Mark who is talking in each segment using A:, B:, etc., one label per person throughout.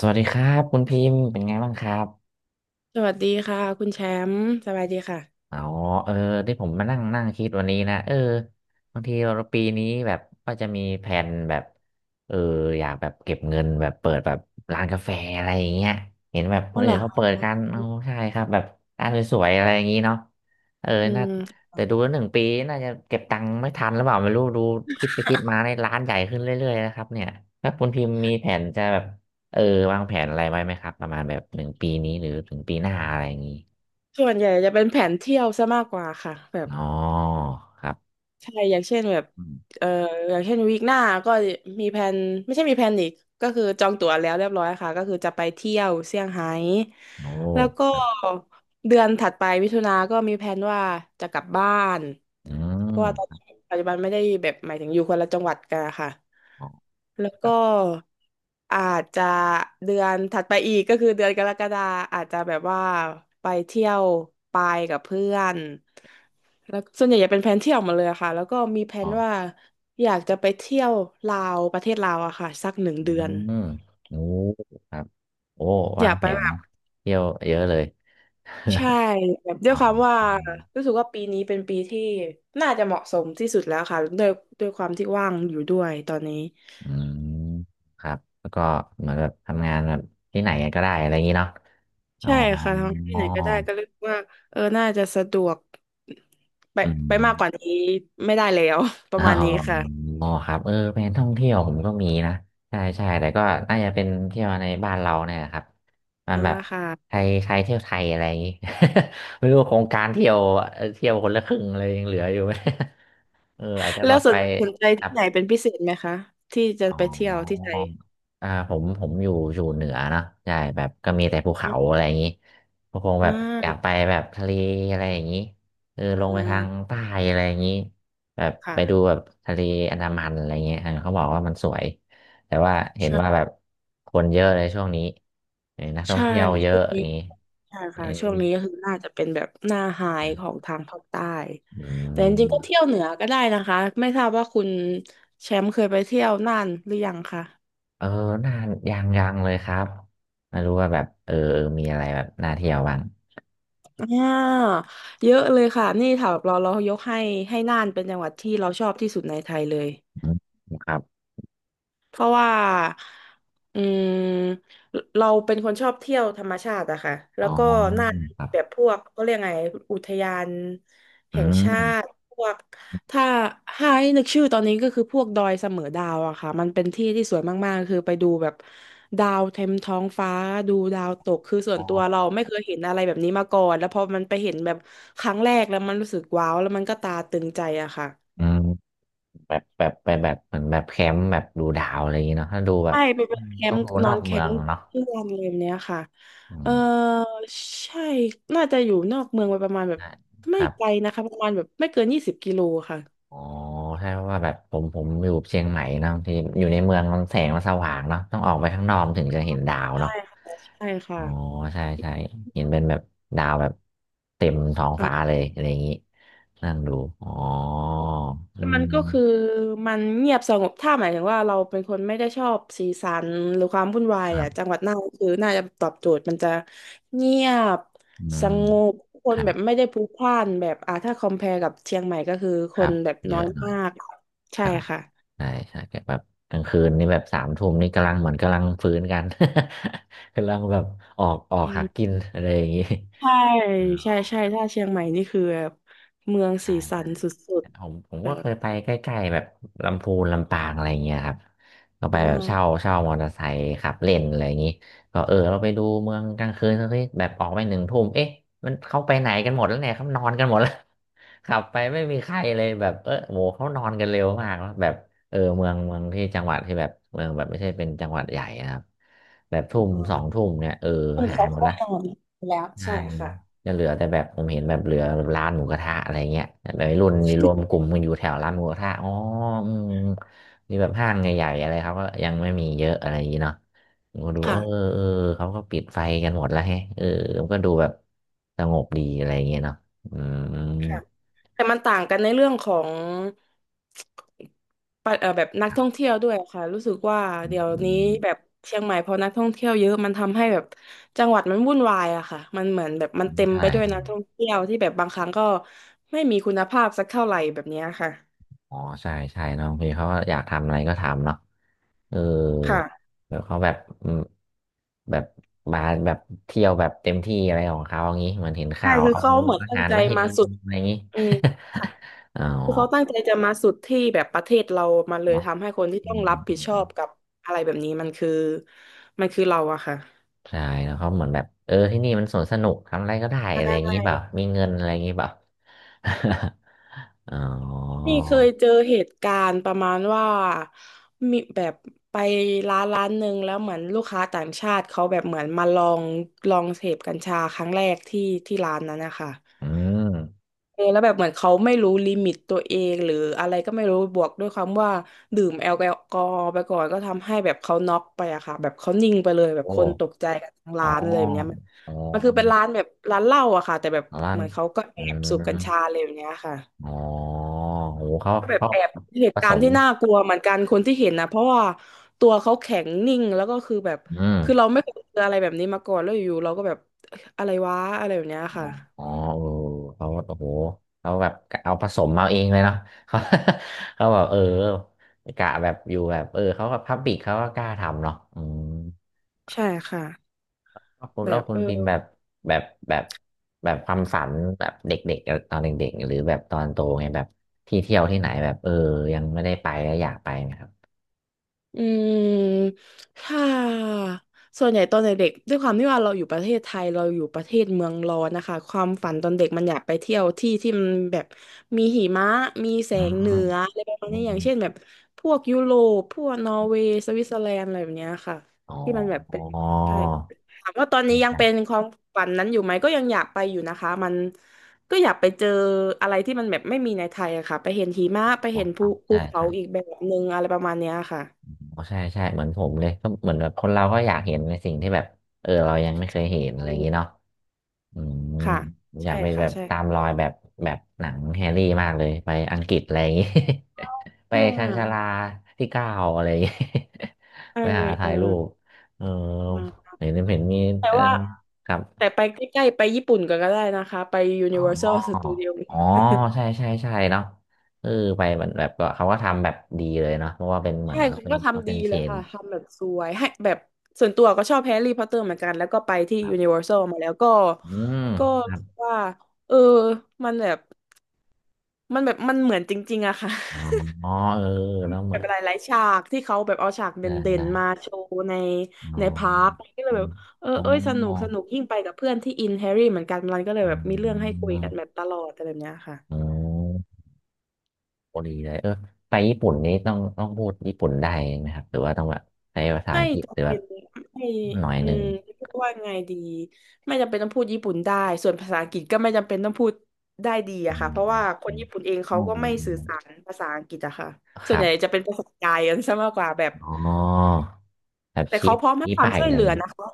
A: สวัสดีครับคุณพิมพ์เป็นไงบ้างครับ
B: สวัสดีค่ะคุณแชมป์สบายดีค่ะ
A: อ๋อเออที่ผมมานั่งนั่งคิดวันนี้นะบางทีเราปีนี้แบบก็จะมีแผนแบบเอออยากแบบเก็บเงินแบบเปิดแบบร้านกาแฟอะไรอย่างเงี้ยเห็นแบบค
B: ว่
A: น
B: อเห
A: อื่
B: ร
A: น
B: อค
A: เขาเปิด
B: ะ
A: กันโอ้ใช่ครับแบบร้านสวยๆอะไรอย่างงี้เนาะเออ
B: อื
A: น่า
B: ม
A: แต่ดูแล้วหนึ่งปีน่าจะเก็บตังค์ไม่ทันหรือเปล่าไม่รู้ดูคิดไปคิดมาในยร้านใหญ่ขึ้นเรื่อยๆนะครับเนี่ยแล้วคุณพิมพ์มีแผนจะแบบเออวางแผนอะไรไว้ไหมครับประมาณแบบหนึ่งปีนี้หรือถึงปีหน้าอะไรอย่างงี้
B: ส่วนใหญ่จะเป็นแผนเที่ยวซะมากกว่าค่ะแบบ
A: อ๋อครับ
B: ใช่อย่างเช่นแบบ
A: อืม
B: เอ่ออย่างเช่นวีคหน้าก็มีแผนไม่ใช่มีแผนอีกก็คือจองตั๋วแล้วเรียบร้อยค่ะก็คือจะไปเที่ยวเซี่ยงไฮ้
A: โอ
B: แล้วก็
A: ้
B: เดือนถัดไปมิถุนาก็มีแผนว่าจะกลับบ้าน
A: อื
B: เพราะว่าตอน
A: ม
B: นี้ปัจจุบันไม่ได้แบบหมายถึงอยู่คนละจังหวัดกันอะค่ะ
A: อ๋อ
B: แล้ว
A: ครั
B: ก็
A: บ
B: อาจจะเดือนถัดไปอีกก็คือเดือนกรกฎาอาจจะแบบว่าไปเที่ยวไปกับเพื่อนแล้วส่วนใหญ่จะเป็นแผนเที่ยวหมาเลยอะค่ะแล้วก็มีแผ
A: อ๋อ
B: นว่าอยากจะไปเที่ยวลาวประเทศลาวอะค่ะสักหนึ่ง
A: อื
B: เดือน
A: มโอ้ครับโอ้
B: อ
A: วาง
B: ยาก
A: แผ
B: ไป
A: น
B: แบบ
A: เที่ยวเยอะเลย
B: ใช่แบบ ด้ว
A: อ๋
B: ย
A: อ
B: ความว่า
A: อืม
B: รู้สึกว่าปีนี้เป็นปีที่น่าจะเหมาะสมที่สุดแล้วค่ะด้วยด้วยความที่ว่างอยู่ด้วยตอนนี้
A: อืมครับ แล้วก็เหมือนแบบทำงานแบบที่ไหนก็ได้อะไรอย่างนี้เนาะอ๋อ
B: ใช่ค่ะทำที่ไหนก็ได้ก็รู้สึกว่าเออน่าจะสะดวกไป
A: อื
B: ไปมากกว่า
A: ม
B: นี้ไม่ได้แล้ว ประมาณนี้
A: อ
B: ค่ะ
A: ๋อครับแผนท่องเที่ยวผมก็มีนะใช่ใช่แต่ก็น่าจะเป็นเที่ยวในบ้านเราเนี่ยนะครับมัน
B: อ่า
A: แบบ
B: ค่ะ
A: ใครใครเที่ยวไทยอะไรอย่างงี้ ไม่รู้โครงการเที่ยวคนละครึ่งเลยยังเหลืออยู่ไหม อาจจะ
B: แล้
A: แบ
B: ว
A: บ
B: ส
A: ไป
B: นสนใจที่ไหนเป็นพิเศษไหมคะที่จะ
A: อ๋อ
B: ไปเที่ยวที่ไทย
A: ผมอยู่เหนือเนอะใช่แบบก็มีแต่ภูเขาอะไรอย่างนี้ก็คง
B: อ่
A: แบบอยาก
B: า
A: ไปแบบทะเลอะไรอย่างนี้ลงไป
B: อ่า
A: ทางใต้อะไรอย่างนี้แบบไป
B: ค่ะ
A: ดูแบบทะเลอันดามันอะไรเงี้ยเขาบอกว่ามันสวยแต่ว่าเห็นว่า
B: ใช่
A: แบบคนเยอะเลยช่วงนี้นักท่อง
B: ใช่
A: เที่ยวเย
B: ช่
A: อะ
B: วง
A: อ
B: นี้
A: ย่างนี้
B: ใช่
A: เออ
B: ค่ะช่วงนี้ก็คือน่าจะเป็นแบบหน้าไฮของทางภาคใต้
A: อื
B: แต่จ
A: ม
B: ริงๆก็เที่ยวเหนือก็ได้นะคะไม่ทราบว่าคุณแชมป์เคยไปเที่ยวน่านหรือยังคะ
A: เออน่ายังเลยครับไม่รู้ว่าแบบมีอะไรแบบน่าเที่ยวบ้าง
B: อ่าเยอะเลยค่ะนี่แถวเรายกให้ให้น่านเป็นจังหวัดที่เราชอบที่สุดในไทยเลย
A: อืมครับ
B: เพราะว่าอืมเราเป็นคนชอบเที่ยวธรรมชาติอะค่ะแล้
A: อ๋อ
B: วก็น่า
A: ครั
B: แบ
A: บ
B: บพวกก็เรียกไงอุทยาน
A: อื
B: แห่งชาติ
A: ม
B: พวกถ้าให้นึกชื่อตอนนี้ก็คือพวกดอยเสมอดาวอะค่ะมันเป็นที่ที่สวยมากๆคือไปดูแบบดาวเต็มท้องฟ้าดูดาวตกคือส่ว
A: อ๋
B: น
A: อ
B: ตัวเราไม่เคยเห็นอะไรแบบนี้มาก่อนแล้วพอมันไปเห็นแบบครั้งแรกแล้วมันรู้สึกว้าวแล้วมันก็ตาตึงใจอะค่ะ
A: อืมแบบไปแบบเหมือนแบบแคมป์แบบดูดาวอะไรอย่างเงี้ยเนาะถ้าดูแบบ
B: ใช่ไป
A: อื
B: เป็น
A: ม
B: แค
A: ต้อ
B: ม
A: ง
B: ป์
A: ดู
B: น
A: น
B: อ
A: อก
B: นแค
A: เมือ
B: ม
A: ง
B: ป์
A: เนาะ
B: ที่วันอะไรแบบเนี้ยค่ะ
A: อื
B: เออ
A: ม
B: ใช่น่าจะอยู่นอกเมืองไปประมาณแบบ
A: ใช่ค
B: ไม่
A: รับ
B: ไกลนะคะประมาณแบบไม่เกิน20 กิโลค่ะ
A: อ๋อใช่เพราะว่าแบบผมอยู่เชียงใหม่เนาะบางที่อยู่ในเมืองมันแสงมันสว่างเนาะต้องออกไปข้างนอกถึงจะเห็นดาว
B: ใช่
A: เนาะ
B: ค่ะใช่
A: อ๋
B: ค่ะ
A: อใช่ใช่เห็นเป็นแบบดาวแบบเต็มท้อง
B: อ่ะ
A: ฟ้าเลยอะไรอย่างงี้นั่งดูอ๋ออื
B: มันก็คือ
A: ม
B: มันเงียบสงบถ้าหมายถึงว่าเราเป็นคนไม่ได้ชอบสีสันหรือความวุ่นวา
A: ค
B: ย
A: รั
B: อ่ะจั
A: บ
B: งหวัดน่านคือน่าจะตอบโจทย์มันจะเงียบ
A: อื
B: ส
A: ม
B: งบค
A: ค
B: น
A: รั
B: แบบ
A: บ
B: ไม่ได้พลุกพล่านแบบอ่าถ้าคอม p พ r e กับเชียงใหม่ก็คือ
A: ค
B: ค
A: รั
B: น
A: บ
B: แบบ
A: เย
B: น้อ
A: อะ
B: ย
A: หน่อย
B: มาก
A: ค
B: ใช่
A: รับ
B: ค่ะ
A: ใช่ใช่แกแบบกลางคืนนี่แบบสามทุ่มนี่กำลังเหมือนกำลังฟื้นกัน กำลังแบบออก
B: อื
A: หา
B: ม
A: กินอะไรอย่างนี้
B: ใช่
A: อ๋อ
B: ใช่ใช่ถ้าเชียงใหม่นี่คือแบบเมือง
A: ใช่
B: สีสั
A: ใช่
B: นสุด
A: ผม
B: ๆแบ
A: ก็เค
B: บ
A: ยไปใกล้ๆแบบลำพูนลำปางอะไรอย่างเงี้ยครับก็ไป
B: อื
A: แบบเช่า
B: ม
A: เช่ามอเตอร์ไซค์ขับเล่นอะไรอย่างนี้ก็เราไปดูเมืองกลางคืนสักทีแบบออกไปหนึ่งทุ่มเอ๊ะมันเข้าไปไหนกันหมดแล้วเนี่ยเขานอนกันหมดแล้ว ขับไปไม่มีใครเลยแบบโหเขานอนกันเร็วมากแล้วแบบเมืองที่จังหวัดที่แบบเมืองแบบไม่ใช่เป็นจังหวัดใหญ่นะครับแบบทุ่ม
B: อ๋
A: สอง
B: อ
A: ทุ่มเนี่ย
B: ผม
A: หา
B: ขอ
A: ยหมด
B: ข้อ
A: ละ
B: มูลแล้ว
A: ใช่
B: ใช่ค่ะ
A: จะเหลือแต่แบบผมเห็นแบบเหลือแบบร้านหมูกระทะอะไรเงี้ยแบบวัยรุ่นนี่รวมกลุ่มกันอยู่แถวร้านหมูกระทะอ๋ออืมนี่แบบห้างใหญ่ๆอะไรเขาก็ยังไม่มีเยอะอะไรอย่างงี้เนาะผมก็ดู
B: ค่ะ
A: เออเขาก็ปิดไฟกันหมดแล้วแฮะผมก็ดูแบบสงบดีอะไรเงี้ยเนาะอืม
B: ค่ะแต่มันต่างกันในเรื่องของปะเอ่อแบบนักท่องเที่ยวด้วยค่ะรู้สึกว่า
A: อื
B: เดี๋
A: ม
B: ยว
A: อื
B: นี้แบบ
A: ม
B: เชียงใหม่พอนักท่องเที่ยวเยอะมันทำให้แบบจังหวัดมันวุ่นวายอะค่ะมันเหมือนแบบมั
A: อื
B: น
A: ม
B: เต็ม
A: ใช่
B: ไปด้วย
A: ใช่
B: นักท่องเที่ยวที่แบบบางครั้งก็ไม่มีคุณภาพสักเท่าไหร่แบบเนี้ยค่ะ
A: อ๋อใช่ใช่เนอะบางทีเขาก็อยากทำอะไรก็ทำเนาะเออ
B: ค่ะ
A: แบวเขาแบบอืมแบบมาแบบเที่ยวแบบเต็มที่อะไรของเขาอย่างนี้เหมือนเห็น
B: ใช่
A: ข่าว
B: คือ
A: เอา
B: เขาเหมือน
A: อา
B: ตั้ง
A: หาร
B: ใจ
A: ไว้ให้
B: มา
A: ลิง
B: สุด
A: อะไรอย่างนี้
B: อืมค่ะ
A: อ๋อ
B: คือเขาตั้งใจจะมาสุดที่แบบประเทศเรามาเลย
A: เนาะ
B: ทำให้คนที่
A: อื
B: ต้อง
A: ม
B: รับ
A: อื
B: ผิดชอ
A: ม
B: บกับอะไรแบบนี้มันคือเราอะค่ะ
A: ใช่แล้วเขาเหมือนแบบที่นี่มันสวนสนุกทำอะไรก็ได้
B: ใช่
A: อะไรอย่างนี้เปล่ามีเงินอะไรอย่างนี้เปล่า อ๋อ
B: นี่เคยเจอเหตุการณ์ประมาณว่ามีแบบไปร้านหนึ่งแล้วเหมือนลูกค้าต่างชาติเขาแบบเหมือนมาลองเสพกัญชาครั้งแรกที่ร้านนั้นนะคะ
A: อืม
B: เออแล้วแบบเหมือนเขาไม่รู้ลิมิตตัวเองหรืออะไรก็ไม่รู้บวกด้วยความว่าดื่มแอลกอฮอล์ไปก่อนก็ทำให้แบบเขาน็อกไปอะค่ะแบบเขานิ่งไปเลยแบบ
A: โอ้
B: คนตกใจกันทั้ง
A: อ๋อ
B: ร้านเลยแบบเนี้ยมัน
A: อ๋อ
B: มันคือเป็นร้านแบบร้านเหล้าอะค่ะแต่แบบ
A: ร้า
B: เห
A: น
B: มือนเขาก็แอ
A: เอ
B: บสูบกัญ
A: ื
B: ชาเลยแบบเนี้ยค่ะ
A: อ๋อโหเขา
B: ก็แบบ
A: เขา
B: แอบเห
A: ผ
B: ตุกา
A: ส
B: รณ์
A: ม
B: ที่น่ากลัวเหมือนกันคนที่เห็นนะเพราะว่าตัวเขาแข็งนิ่งแล้วก็คือแบบ
A: อืม
B: คือเราไม่เคยเจออะไรแบบนี้มาก่อนแล้วอยู่ๆเราก็แบบอะอะไรวะอะไรแบบเนี้ย
A: อ๋อ
B: ค่ะ
A: อ๋อเออเขาโอ้โหเขาแบบเอาผสมมาเองเลยเนาะ เขา เขาแบบกะแบบอยู่แบบเขาก็พับบิกเขาก็กล้าทำเนาะอืม
B: ใช่ค่ะแบ
A: แล้ว
B: บ
A: คุ
B: เอ
A: ณ
B: อ
A: พิมพ์แบบแบบแบบ ความฝันแบบเด็กๆตอนเด็กๆ หรือแบบตอนโตไงแบบที่เที่ยวที่ไหนแบบยังไม่ได้ไปแล้วอยากไปนะครับ
B: อืมถ้าส่วนใหญ่ตอนเด็กๆด้วยความที่ว่าเราอยู่ประเทศไทยเราอยู่ประเทศเมืองร้อนนะคะความฝันตอนเด็กมันอยากไปเที่ยวที่ที่มันแบบมีหิมะมีแส
A: อืม
B: งเหนืออะไรประมาณ
A: อ
B: นี้อ
A: ม
B: ย่างเช่นแบบพวกยุโรปพวกนอร์เวย์สวิตเซอร์แลนด์อะไรแบบเนี้ยค่ะ
A: อ๋อ
B: ที่มันแบบเป็นใช่ถามว่าตอนนี้ยังเป็น
A: ใช่
B: ความฝันนั้นอยู่ไหมก็ยังอยากไปอยู่นะคะมันก็อยากไปเจออะไรที่มันแบบไม่มีในไทยอะค่ะไปเห็นหิมะไปเห็น
A: ค
B: ภู
A: รับใช่
B: เขา
A: ใช่
B: อีกแบบนึงอะไรประมาณเนี้ยค่ะ
A: โอ้ใช่ใช่เหมือนผมเลยก็เหมือนแบบคนเราก็อยากเห็นในสิ่งที่แบบเรายังไม่เคยเห็นอะไรอย่างนี้เนาะอืม
B: ค่ะ
A: อยา
B: ใช่
A: กไป
B: ค่ะ
A: แบบ
B: ใช่
A: ตามรอยแบบหนังแฮร์รี่มากเลยไปอังกฤษอะไรอย่างนี้ ไป
B: อ่
A: ชันชาลา
B: า
A: ที่เก้าอะไรอย่างนี้
B: ไป
A: ไปหา
B: เอ
A: ถ่า
B: อ
A: ยรูปเออ
B: มา
A: เห็นเห็นมี
B: แต่
A: เออ
B: ว่า
A: ครับ
B: แต่ไปใกล้ๆไปญี่ปุ่นก็ได้นะคะไป
A: อ๋อ
B: Universal Studio
A: อ๋อใช่ใช่ใช่เนาะเออไปเหมือนแบบก็เขาก็ทำแบบดีเลยเนาะเพราะว่าเป็น เหมือ
B: ใช่
A: นเขา
B: เขา
A: เป็น
B: ก็
A: เขา
B: ทำ
A: เป็
B: ดี
A: นเช
B: เลย
A: น
B: ค่ะทำแบบสวยให้แบบส่วนตัวก็ชอบแฮร์รี่พอตเตอร์เหมือนกันแล้วก็ไปที่ Universal มาแล้วก็
A: อืม
B: ก็
A: ครั
B: รู้
A: บ
B: สึกว่าเออมันแบบมันแบบมันเหมือนจริงๆอะค่ะ
A: อ๋อเออแล้วเห
B: แบ
A: มือ
B: บห
A: น
B: ลายๆฉากที่เขาแบบเอาฉากเด
A: ใช่
B: ่น
A: ใช่
B: ๆมาโชว์ใน
A: อ๋อ
B: ในพาร์คก็เล
A: อ
B: ยแบ
A: ม
B: บเออ
A: อ๋อ
B: เอ้ยสนุกสนุกยิ่งไปกับเพื่อนที่อินแฮร์รี่เหมือนกันมันก็เลย
A: อื
B: แบบมีเรื่องให้คุย
A: ม
B: กันแบบตลอดอะไรแบบเนี้ยค่ะ
A: อ๋อพอดีเลยเออไปญี่ปุ่นนี้ต้องต้องพูดญี่ปุ่นได้ไหมครับหรือว่าต้องแบบใช้ภาษา
B: ไม่
A: อังกฤษหรือ
B: จำ
A: แบ
B: เป็
A: บ
B: นไม่
A: หน่อย
B: อื
A: หนึ่
B: ม
A: ง
B: พูดว่าไงดีไม่จำเป็นต้องพูดญี่ปุ่นได้ส่วนภาษาอังกฤษก็ไม่จำเป็นต้องพูดได้ดีอะ
A: อ๋อ
B: ค่ะเพราะว่าคน
A: อืม
B: ญี่ปุ่นเองเขา
A: อ๋อ
B: ก็ไม่
A: อื
B: สื่อ
A: ม
B: สารภาษาอังกฤษอะค่ะ
A: ค
B: ส่วน
A: รั
B: ใหญ่
A: บ
B: จะเป็นภาษากายกันซะมากกว่าแบบ
A: อ๋อแบบ
B: แต่
A: ชี้
B: เขาพร้อมให้
A: ชี้
B: ความ
A: ไปาย
B: ช่ว
A: อะ
B: ย
A: ไร
B: เหลือนะคะ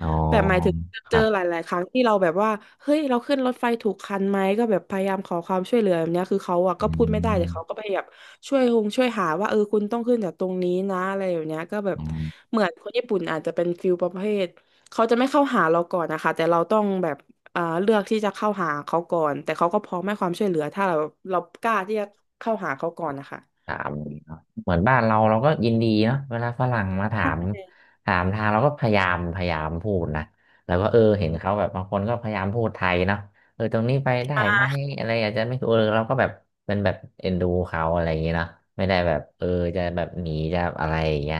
A: อ๋อ
B: แบบหมายถึง
A: ค
B: เจ
A: รั
B: อ
A: บ
B: หลายๆครั้งที่เราแบบว่าเฮ้ยเราขึ้นรถไฟถูกคันไหมก็แบบพยายามขอความช่วยเหลือแบบเนี้ยคือเขาอะ
A: อ
B: ก็พูดไม่ได้แต่
A: ื
B: เขาก็พยายามช่วยคงช่วยหาว่าเออคุณต้องขึ้นจากตรงนี้นะอะไรแบบเนี้ยก็แบบ
A: ม
B: เหมือนคนญี่ปุ่นอาจจะเป็นฟิลประเภทเขาจะไม่เข้าหาเราก่อนนะคะแต่เราต้องแบบเอ่าเลือกที่จะเข้าหาเขาก่อนแต่เขาก็พร้อมให้ความช่วยเหลือถ้าเรากล้าที่จะเข้าหาเขาก่อนนะคะ
A: ถามเนาะเหมือนบ้านเราเราก็ยินดีเนาะเวลาฝรั่งมาถา
B: ใช
A: ม
B: ่
A: ถามทางเราก็พยายามพยายามพูดนะแล้วก็เออเห็นเขาแบบบางคนก็พยายามพูดไทยเนาะเออตรงนี้ไปได้ไหมอะไรอาจจะไม่ถูกเออเราก็แบบเป็นแบบเอ็นดูเขาอะไรอย่างเงี้ยเนาะไม่ได้แบบเออจะแบบหนีจะอะไรอย่างเงี้ย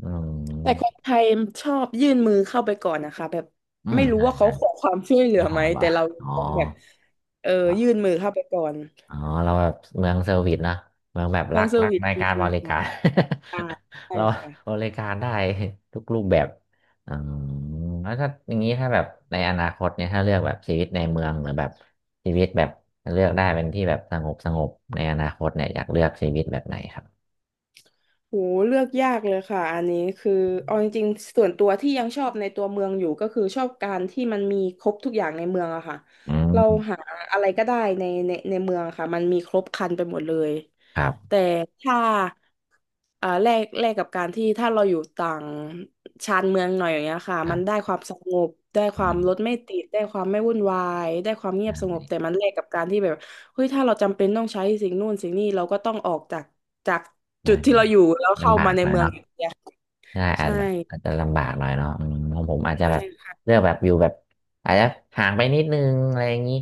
A: อืม
B: แต่คนไทยชอบยื่นมือเข้าไปก่อนนะคะแบบ
A: อืม
B: ไม่รู้
A: ใช่
B: ว่าเขา
A: ใช่
B: ขอความช่วยเหลื
A: แล้
B: อ
A: วข
B: ไหม
A: อาบอ
B: แต่
A: ก
B: เรา
A: อ๋อ
B: ต้องแบบเออยื่นมือเข้าไปก่อน
A: อ๋อเราแบบเมืองเซอร์วิสนะเมืองแบบ
B: มั
A: รั
B: น
A: ก
B: เซอ
A: รั
B: ร์
A: ก
B: วิส
A: ใน
B: จร
A: การ
B: ิ
A: บ
B: ง
A: ริ
B: ๆ
A: การ
B: ค่ะ ใช่
A: เรา
B: ค่ะ
A: บริการได้ ทุกรูปแบบอ๋อแล้วถ้าอย่างนี้ถ้าแบบในอนาคตเนี่ยถ้าเลือกแบบชีวิตในเมืองหรือแบบชีวิตแบบเลือกได้เป็นที่แบบสงบสงบในอนาคตเนี่ยอยากเลือกชีวิตแบบไหนครับ
B: โหเลือกยากเลยค่ะอันนี้คือเอาจริงๆส่วนตัวที่ยังชอบในตัวเมืองอยู่ก็คือชอบการที่มันมีครบทุกอย่างในเมืองอะค่ะ
A: อื
B: เราหา
A: ม
B: อะไรก็ได้ในในเมืองอะค่ะมันมีครบครันไปหมดเลย
A: ครับ
B: แต่ถ้าอ่าแลกกับการที่ถ้าเราอยู่ต่างชานเมืองหน่อยอย่างเงี้ยค่ะ
A: ค
B: มั
A: รั
B: นได้
A: บ
B: ความสงบได้ค
A: อื
B: วาม
A: ม
B: รถไม่ติดได้ความไม่วุ่นวายได้ความเงียบสงบแต่มันแลกกับการที่แบบ เฮ้ยถ้าเราจำเป็นต้องใช้สิ่งนู่นสิ่งนี้เราก็ต้องออกจากจาก
A: ได้
B: จุดที่เรา
A: ได้
B: อยู่แล้วเข้า
A: ลำบา
B: มา
A: ก
B: ใน
A: เลย
B: เมือง
A: เนาะ
B: อย่างเดียว
A: ใช่อาจ
B: ใช่
A: แบบอาจจะลำบากหน่อยเนาะอืมของผมอาจจะ
B: ใช่
A: แบบ
B: ค่ะ
A: เลือกแบบอยู่แบบอาจจะห่างไปนิดนึงอะไรอย่างนี้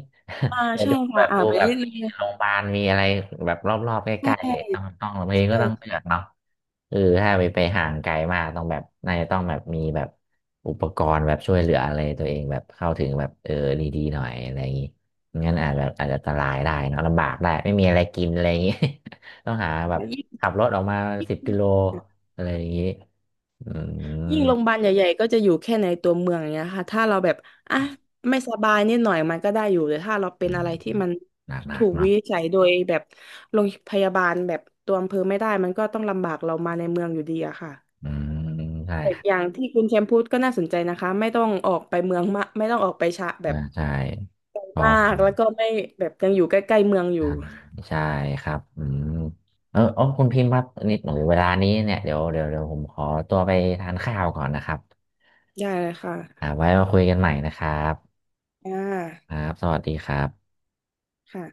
B: อ่า
A: แต่
B: ใช่
A: ดูแบ
B: ค่ะ
A: บ
B: อ่า
A: ดู
B: ไป
A: แบบ
B: นิด
A: มี
B: นึง
A: โรงพยาบาลมีอะไรแบบรอบๆใก
B: ใช่
A: ล้
B: ใช่
A: ๆต้องต้องบางก็ต้องเลือกเนาะเออถ้าไปไปห่างไกลมากต้องแบบน่าจะต้องแบบมีแบบอุปกรณ์แบบช่วยเหลืออะไรตัวเองแบบเข้าถึงแบบเออดีๆหน่อยอะไรอย่างนี้งั้นอาจจะอาจจะอันตรายได้เนาะลำบากได้ไม่มีอะไรกินอะไรอย่างนี้ ต้องหา
B: ใช่
A: แบบ
B: ยิ่ง
A: ขับรถออกมา10 กิโลอะไรอย่างนี้ อื
B: โรงพยาบา
A: ม
B: ลใหญ่ๆก็จะอยู่แค่ในตัวเมืองอย่างเงี้ยค่ะถ้าเราแบบอ่ะไม่สบายนิดหน่อยมันก็ได้อยู่แต่ถ้าเราเป็น
A: หนั
B: อะ
A: ก
B: ไรที่มัน
A: หนักหนั
B: ถู
A: ก
B: กวิ
A: เนาะ
B: นิจฉัยโดยแบบโรงพยาบาลแบบตัวอำเภอไม่ได้มันก็ต้องลำบากเรามาในเมืองอยู่ดีอะค่ะ
A: อืมใช่
B: แต่
A: ครั
B: อย่า
A: บ
B: งที่คุณแชมป์พูดก็น่าสนใจนะคะไม่ต้องออกไปเมืองมากไม่ต้องออกไปชะแบ
A: อ่า
B: บ
A: ใช่
B: ไกล
A: พอ
B: มากแล้วก็ไม่แบบยังอยู่ใกล้ๆเมืองอ
A: ท
B: ยู่
A: ำใช่ครับอืมเออโอคุณพิมพ์ครับนิดหน่อยเวลานี้เนี่ยเดี๋ยวเดี๋ยวเดี๋ยวผมขอตัวไปทานข้าวก่อนนะครับ
B: ได้เลยค่ะ
A: อ่าไว้มาคุยกันใหม่นะครับ
B: อ่า
A: ครับสวัสดีครับ
B: ค่ะ